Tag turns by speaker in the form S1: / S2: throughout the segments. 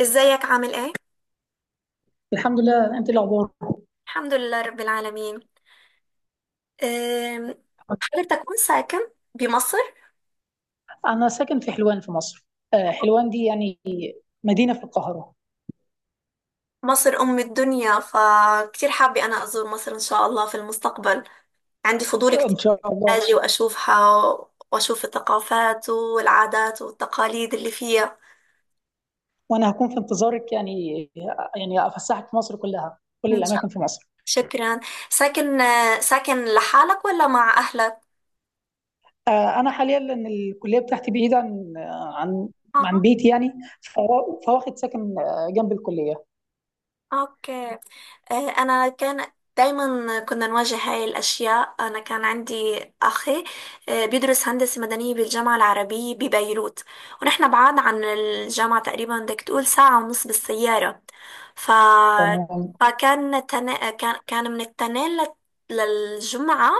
S1: ازيك عامل ايه؟
S2: الحمد لله. انت إيه الاخبار؟
S1: الحمد لله رب العالمين. أم، حضرتك وين ساكن؟ بمصر؟
S2: انا ساكن في حلوان في مصر. حلوان دي يعني مدينه في القاهره.
S1: مصر أم الدنيا، فكتير حابة أنا أزور مصر إن شاء الله في المستقبل. عندي فضول
S2: ان
S1: كتير
S2: شاء الله.
S1: أجي وأشوفها، وأشوف الثقافات والعادات والتقاليد اللي فيها.
S2: وانا هكون في انتظارك يعني. يعني افسحك في مصر كلها كل
S1: إن شاء
S2: الاماكن
S1: الله،
S2: في مصر.
S1: شكرا. ساكن ساكن لحالك ولا مع أهلك؟
S2: انا حاليا لان الكليه بتاعتي بعيده عن عن
S1: أها.
S2: بيتي يعني. فواخد ساكن جنب الكليه.
S1: أوكي. أنا كان دايما كنا نواجه هاي الأشياء. أنا كان عندي أخي بيدرس هندسة مدنية بالجامعة العربية ببيروت، ونحن بعاد عن الجامعة تقريبا بدك تقول ساعة ونص بالسيارة. ف...
S2: تمام،
S1: كان من التنين للجمعة.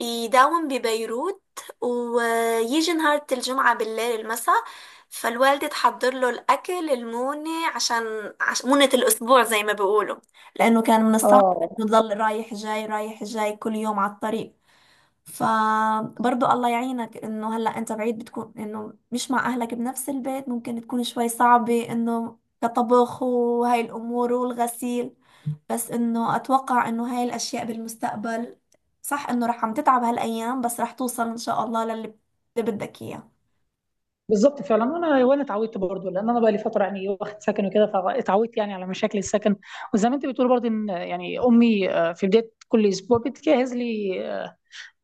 S1: يداوم ببيروت ويجي نهار الجمعة بالليل المساء. فالوالدة تحضر له الأكل المونة عشان مونة الأسبوع زي ما بيقولوا، لأنه كان من الصعب
S2: اه،
S1: إنه يضل رايح جاي رايح جاي كل يوم على الطريق. فبرضه الله يعينك إنه هلأ أنت بعيد، بتكون إنه مش مع أهلك بنفس البيت، ممكن تكون شوي صعبة إنه كطبخ وهاي الأمور والغسيل. بس انه اتوقع انه هاي الاشياء بالمستقبل صح انه رح عم تتعب هالايام، بس رح توصل ان شاء الله اللي بدك اياه.
S2: بالضبط فعلًا، وأنا اتعودت برضه، لأن أنا بقى لي فترة يعني واخد سكن وكده، فاتعودت يعني على مشاكل السكن. وزي ما أنتِ بتقولي برضه إن يعني أمي في بداية كل أسبوع بتجهّز لي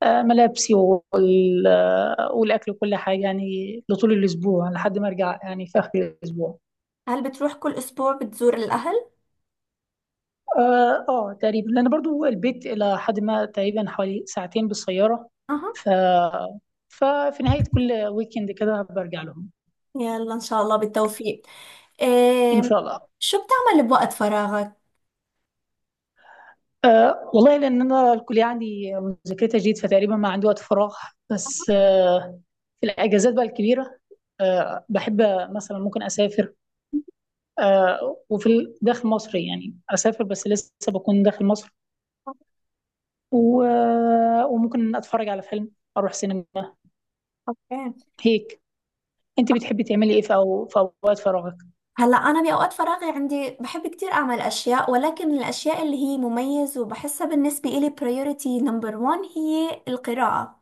S2: ملابسي والأكل وكل حاجة يعني لطول الأسبوع لحد ما أرجع يعني في آخر الأسبوع.
S1: هل بتروح كل اسبوع بتزور الاهل؟
S2: تقريبًا، لأن برضه البيت إلى حدٍ ما تقريبًا حوالي ساعتين بالسيارة.
S1: أها.
S2: ف ففي نهاية كل weekend كده بارجع لهم.
S1: يلا ان شاء الله بالتوفيق.
S2: إن
S1: إيه.
S2: شاء الله.
S1: شو بتعمل بوقت فراغك؟
S2: والله لأن أنا الكلية عندي مذاكرتها جيد فتقريبا ما عندي وقت فراغ. بس في الأجازات بقى الكبيرة بحب مثلا ممكن أسافر. وفي داخل مصر يعني أسافر بس لسه بكون داخل مصر. وممكن أتفرج على فيلم. أروح سينما.
S1: اوكي.
S2: هيك. أنت بتحبي تعملي إيه أو في أوقات فراغك؟
S1: هلا انا باوقات فراغي عندي بحب كتير اعمل اشياء، ولكن الاشياء اللي هي مميز وبحسها بالنسبه لي priority number one هي القراءه.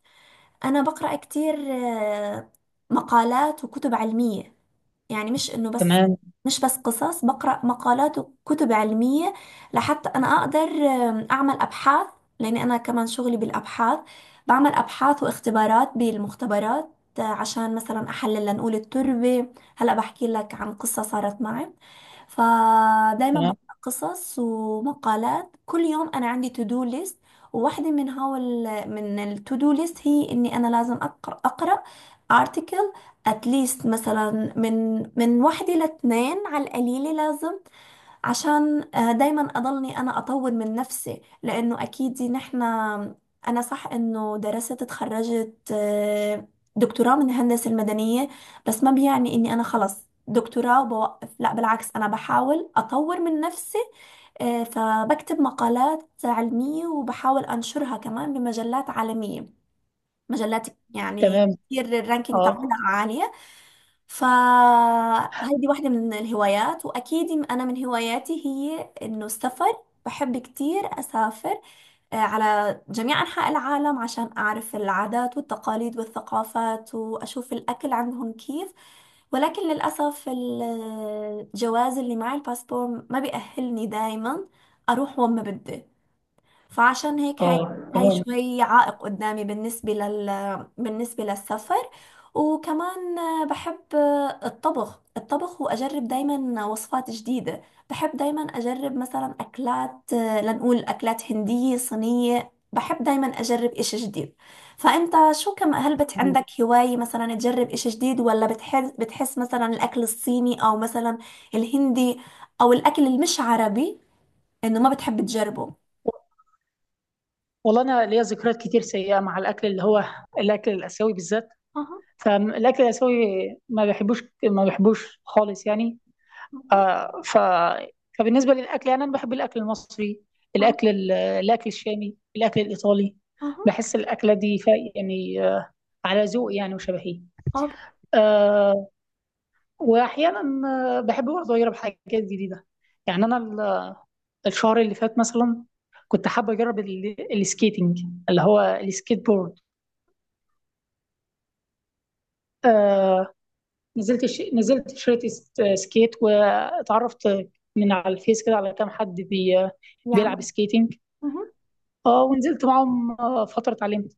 S1: انا بقرا كتير مقالات وكتب علميه. يعني
S2: تمام،
S1: مش بس قصص، بقرأ مقالات وكتب علمية لحتى انا اقدر اعمل ابحاث، لاني انا كمان شغلي بالابحاث. بعمل ابحاث واختبارات بالمختبرات عشان مثلا احلل لنقول التربة. هلا بحكي لك عن قصة صارت معي. فدايما
S2: تمام،
S1: بقرأ قصص ومقالات كل يوم، انا عندي تو دو ليست، وواحدة من هول من التو دو ليست هي اني انا لازم اقرأ article. اتليست مثلا من واحد إلى اتنين على القليل لازم، عشان دايما اضلني انا اطور من نفسي، لانه اكيد نحن انا صح انه درست اتخرجت دكتوراه من الهندسة المدنية، بس ما بيعني اني انا خلص دكتوراه وبوقف، لا بالعكس انا بحاول اطور من نفسي. فبكتب مقالات علمية وبحاول انشرها كمان بمجلات عالمية، مجلات يعني
S2: تمام،
S1: كتير الرانكينج بتاعنا
S2: أه،
S1: عالية. فهيدي واحدة من الهوايات، وأكيد أنا من هواياتي هي إنه السفر، بحب كتير أسافر على جميع أنحاء العالم عشان أعرف العادات والتقاليد والثقافات وأشوف الأكل عندهم كيف. ولكن للأسف الجواز اللي معي الباسبور ما بيأهلني دايما أروح وين ما بدي، فعشان هيك
S2: أه،
S1: هاي
S2: تمام.
S1: شوي عائق قدامي بالنسبة للسفر. وكمان بحب الطبخ وأجرب دايما وصفات جديدة. بحب دايما أجرب مثلا أكلات لنقول أكلات هندية صينية، بحب دايما أجرب إشي جديد. فأنت شو كم هل بت عندك هواية مثلا تجرب إشي جديد، ولا بتحس مثلا الأكل الصيني أو مثلا الهندي أو الأكل المش عربي إنه ما بتحب تجربه؟
S2: والله أنا ليا ذكريات كتير سيئة مع الأكل اللي هو الأكل الآسيوي بالذات.
S1: أها.
S2: فالاكل الاسيوي ما بحبوش ما بحبوش خالص يعني. آه ف فبالنسبه للاكل يعني انا بحب الاكل المصري،
S1: اه.
S2: الاكل الاكل الشامي، الاكل الايطالي.
S1: اه.
S2: بحس الاكله دي، يعني، على ذوق يعني، وشبهي.
S1: اه.
S2: آه واحيانا، بحب برضه اجرب حاجات جديده. يعني انا الشهر اللي فات مثلا كنت حابه اجرب السكيتنج، اللي هو السكيت بورد. آه، نزلت شريت سكيت واتعرفت من على الفيس كده على كام حد
S1: يعمل.
S2: بيلعب سكيتنج.
S1: مهم.
S2: اه، ونزلت معاهم فترة اتعلمت.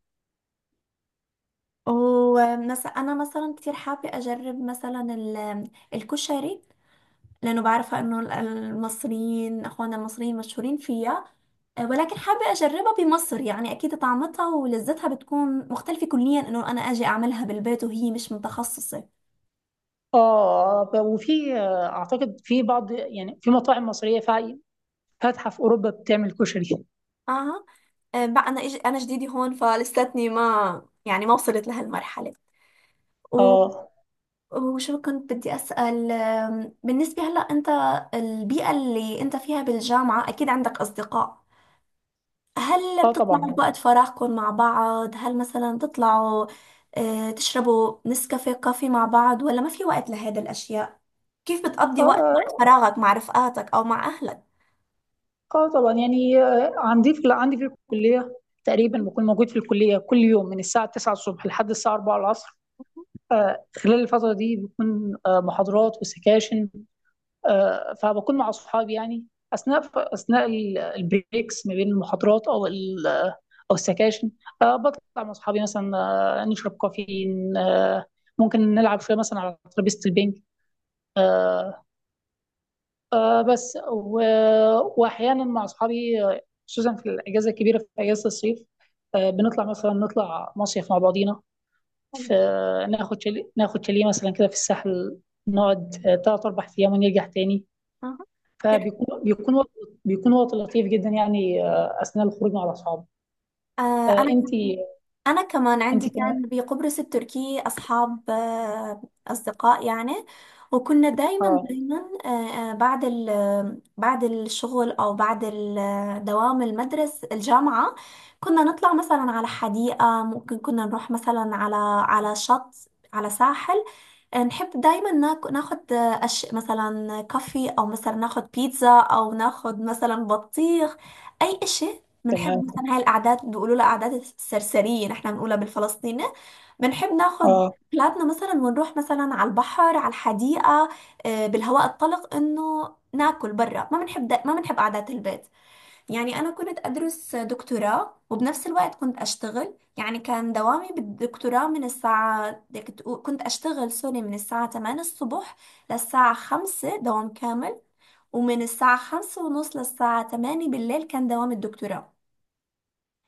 S1: ومثلا انا مثلا كتير حابه اجرب مثلا الكشري، لانه بعرفه انه المصريين اخواننا المصريين مشهورين فيها. ولكن حابه اجربها بمصر، يعني اكيد طعمتها ولذتها بتكون مختلفه كليا انه انا اجي اعملها بالبيت وهي مش متخصصه.
S2: اه، وفي اعتقد في بعض يعني في مطاعم مصرية فاتحة في اوروبا بتعمل كشري.
S1: اه. بقى انا جديده هون فلساتني ما يعني ما وصلت لهالمرحله.
S2: اه،
S1: وشو كنت بدي أسأل، بالنسبة هلأ أنت، البيئة اللي أنت فيها بالجامعة أكيد عندك أصدقاء. هل
S2: اه،
S1: بتطلعوا
S2: طبعا،
S1: بوقت فراغكم مع بعض؟ هل مثلا بتطلعوا تشربوا نسكافيه كافي مع بعض ولا ما في وقت لهذه الأشياء؟ كيف بتقضي
S2: اه،
S1: وقت
S2: اه،
S1: فراغك مع رفقاتك أو مع أهلك؟
S2: طبعا يعني. عندي في الكلية. تقريبا بكون موجود في الكلية كل يوم من الساعة 9 الصبح لحد الساعة 4 العصر. خلال الفترة دي بيكون محاضرات وسكاشن. فبكون مع أصحابي يعني أثناء أثناء البريكس ما بين المحاضرات أو أو السكاشن. بطلع مع أصحابي مثلا، نشرب كافيين. ممكن نلعب شوية مثلا على ترابيزة البنج. آه، بس وأحيانا مع أصحابي، خصوصا في الأجازة الكبيرة في أجازة الصيف. مثلا نطلع مصيف مع بعضينا في ناخد شاليه ناخد شاليه مثلا كده في الساحل. نقعد 3 4 أيام ونرجع تاني.
S1: أها. كيف-
S2: فبيكون بيكون وقت بيكون وقت لطيف جدا يعني، اثناء الخروج مع الاصحاب.
S1: آه،
S2: آه، انت
S1: أنا كمان
S2: انت
S1: عندي
S2: كمان.
S1: كان بقبرص التركي أصحاب أصدقاء يعني، وكنا دايما
S2: اه،
S1: دايما بعد بعد الشغل أو بعد دوام المدرسة الجامعة، كنا نطلع مثلا على حديقة، ممكن كنا نروح مثلا على شط على ساحل. نحب دايما ناخد مثلا كافي او مثلا ناخد بيتزا او ناخد مثلا بطيخ. اي اشي بنحب
S2: تمام،
S1: مثلا، هاي الاعداد بيقولوا لها اعداد السرسرية نحن بنقولها بالفلسطيني. بنحب ناخد
S2: اه،
S1: بلادنا مثلا، ونروح مثلا على البحر على الحديقة بالهواء الطلق، انه ناكل برا، ما بنحب قعدات البيت. يعني أنا كنت أدرس دكتوراه وبنفس الوقت كنت أشتغل، يعني كان دوامي بالدكتوراه من الساعة كنت أشتغل سوري من الساعة 8 الصبح للساعة 5 دوام كامل، ومن الساعة 5 ونص للساعة 8 بالليل كان دوام الدكتوراه.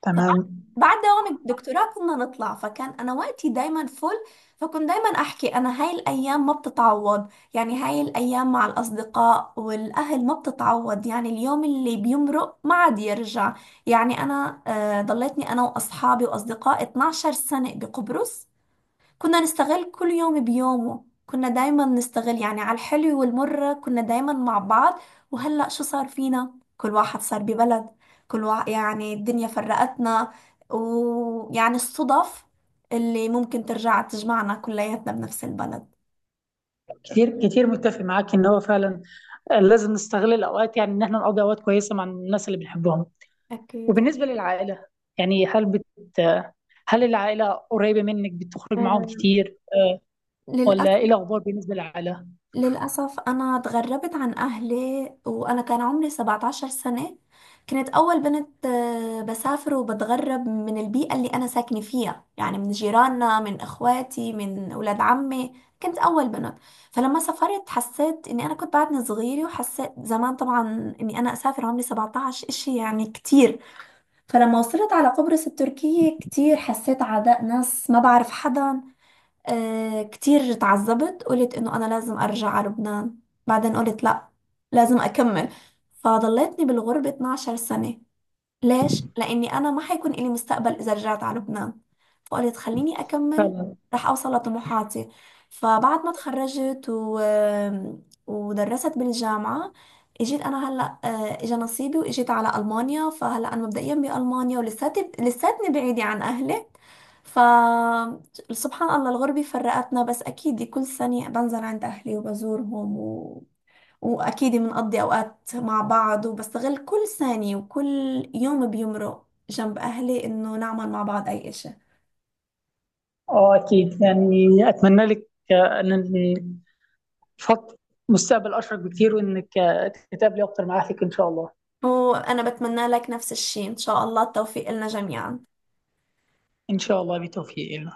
S2: تمام.
S1: بعد دوام الدكتوراه كنا نطلع، فكان انا وقتي دايما فل. فكنت دايما احكي انا هاي الايام ما بتتعوض، يعني هاي الايام مع الاصدقاء والاهل ما بتتعوض، يعني اليوم اللي بيمرق ما عاد يرجع. يعني انا آه ضليتني انا واصحابي واصدقائي 12 سنة بقبرص، كنا نستغل كل يوم بيومه، كنا دايما نستغل، يعني على الحلو والمر كنا دايما مع بعض. وهلأ شو صار فينا، كل واحد صار ببلد، كل واحد يعني الدنيا فرقتنا، ويعني الصدف اللي ممكن ترجع تجمعنا كلياتنا بنفس البلد.
S2: كتير كتير متفق معاك ان هو فعلا. لازم نستغل الاوقات يعني ان احنا نقضي اوقات كويسه مع الناس اللي بنحبهم.
S1: أكيد.
S2: وبالنسبه للعائله يعني، هل بت آه، هل العائله قريبه منك، بتخرج معاهم
S1: أم،
S2: كتير؟ ولا
S1: للأسف.
S2: ايه الاخبار بالنسبه للعائله؟
S1: للأسف أنا اتغربت عن أهلي وأنا كان عمري 17 سنة. كنت أول بنت بسافر وبتغرب من البيئة اللي أنا ساكنة فيها، يعني من جيراننا من إخواتي من أولاد عمي. كنت أول بنت، فلما سافرت حسيت إني أنا كنت بعدني صغيرة، وحسيت زمان طبعا إني أنا أسافر عمري 17 إشي يعني كتير. فلما وصلت على قبرص التركية كتير حسيت عداء ناس، ما بعرف حدا، آه كتير تعذبت، قلت انه انا لازم ارجع على لبنان، بعدين قلت لا، لازم اكمل، فضلتني بالغربة 12 سنة. ليش؟ لأني أنا ما حيكون إلي مستقبل إذا رجعت على لبنان، فقلت خليني أكمل،
S2: فعلا،
S1: رح أوصل لطموحاتي. فبعد ما تخرجت ودرست بالجامعة، اجيت انا هلا اجى نصيبي واجيت على المانيا، فهلا انا مبدئيا بالمانيا لساتني بعيده عن اهلي. ف سبحان الله الغربه فرقتنا، بس اكيد كل سنه بنزل عند اهلي وبزورهم، وأكيد بنقضي أوقات مع بعض، وبستغل كل ثانية وكل يوم بيمرق جنب أهلي إنه نعمل مع بعض أي إشي.
S2: اه، اكيد يعني. اتمنى لك، ان خط مستقبل اشرق بكتير وانك تتقابلي اكتر معاها فيك ان شاء الله.
S1: وأنا بتمنى لك نفس الشي إن شاء الله التوفيق لنا جميعا.
S2: ان شاء الله بتوفيق.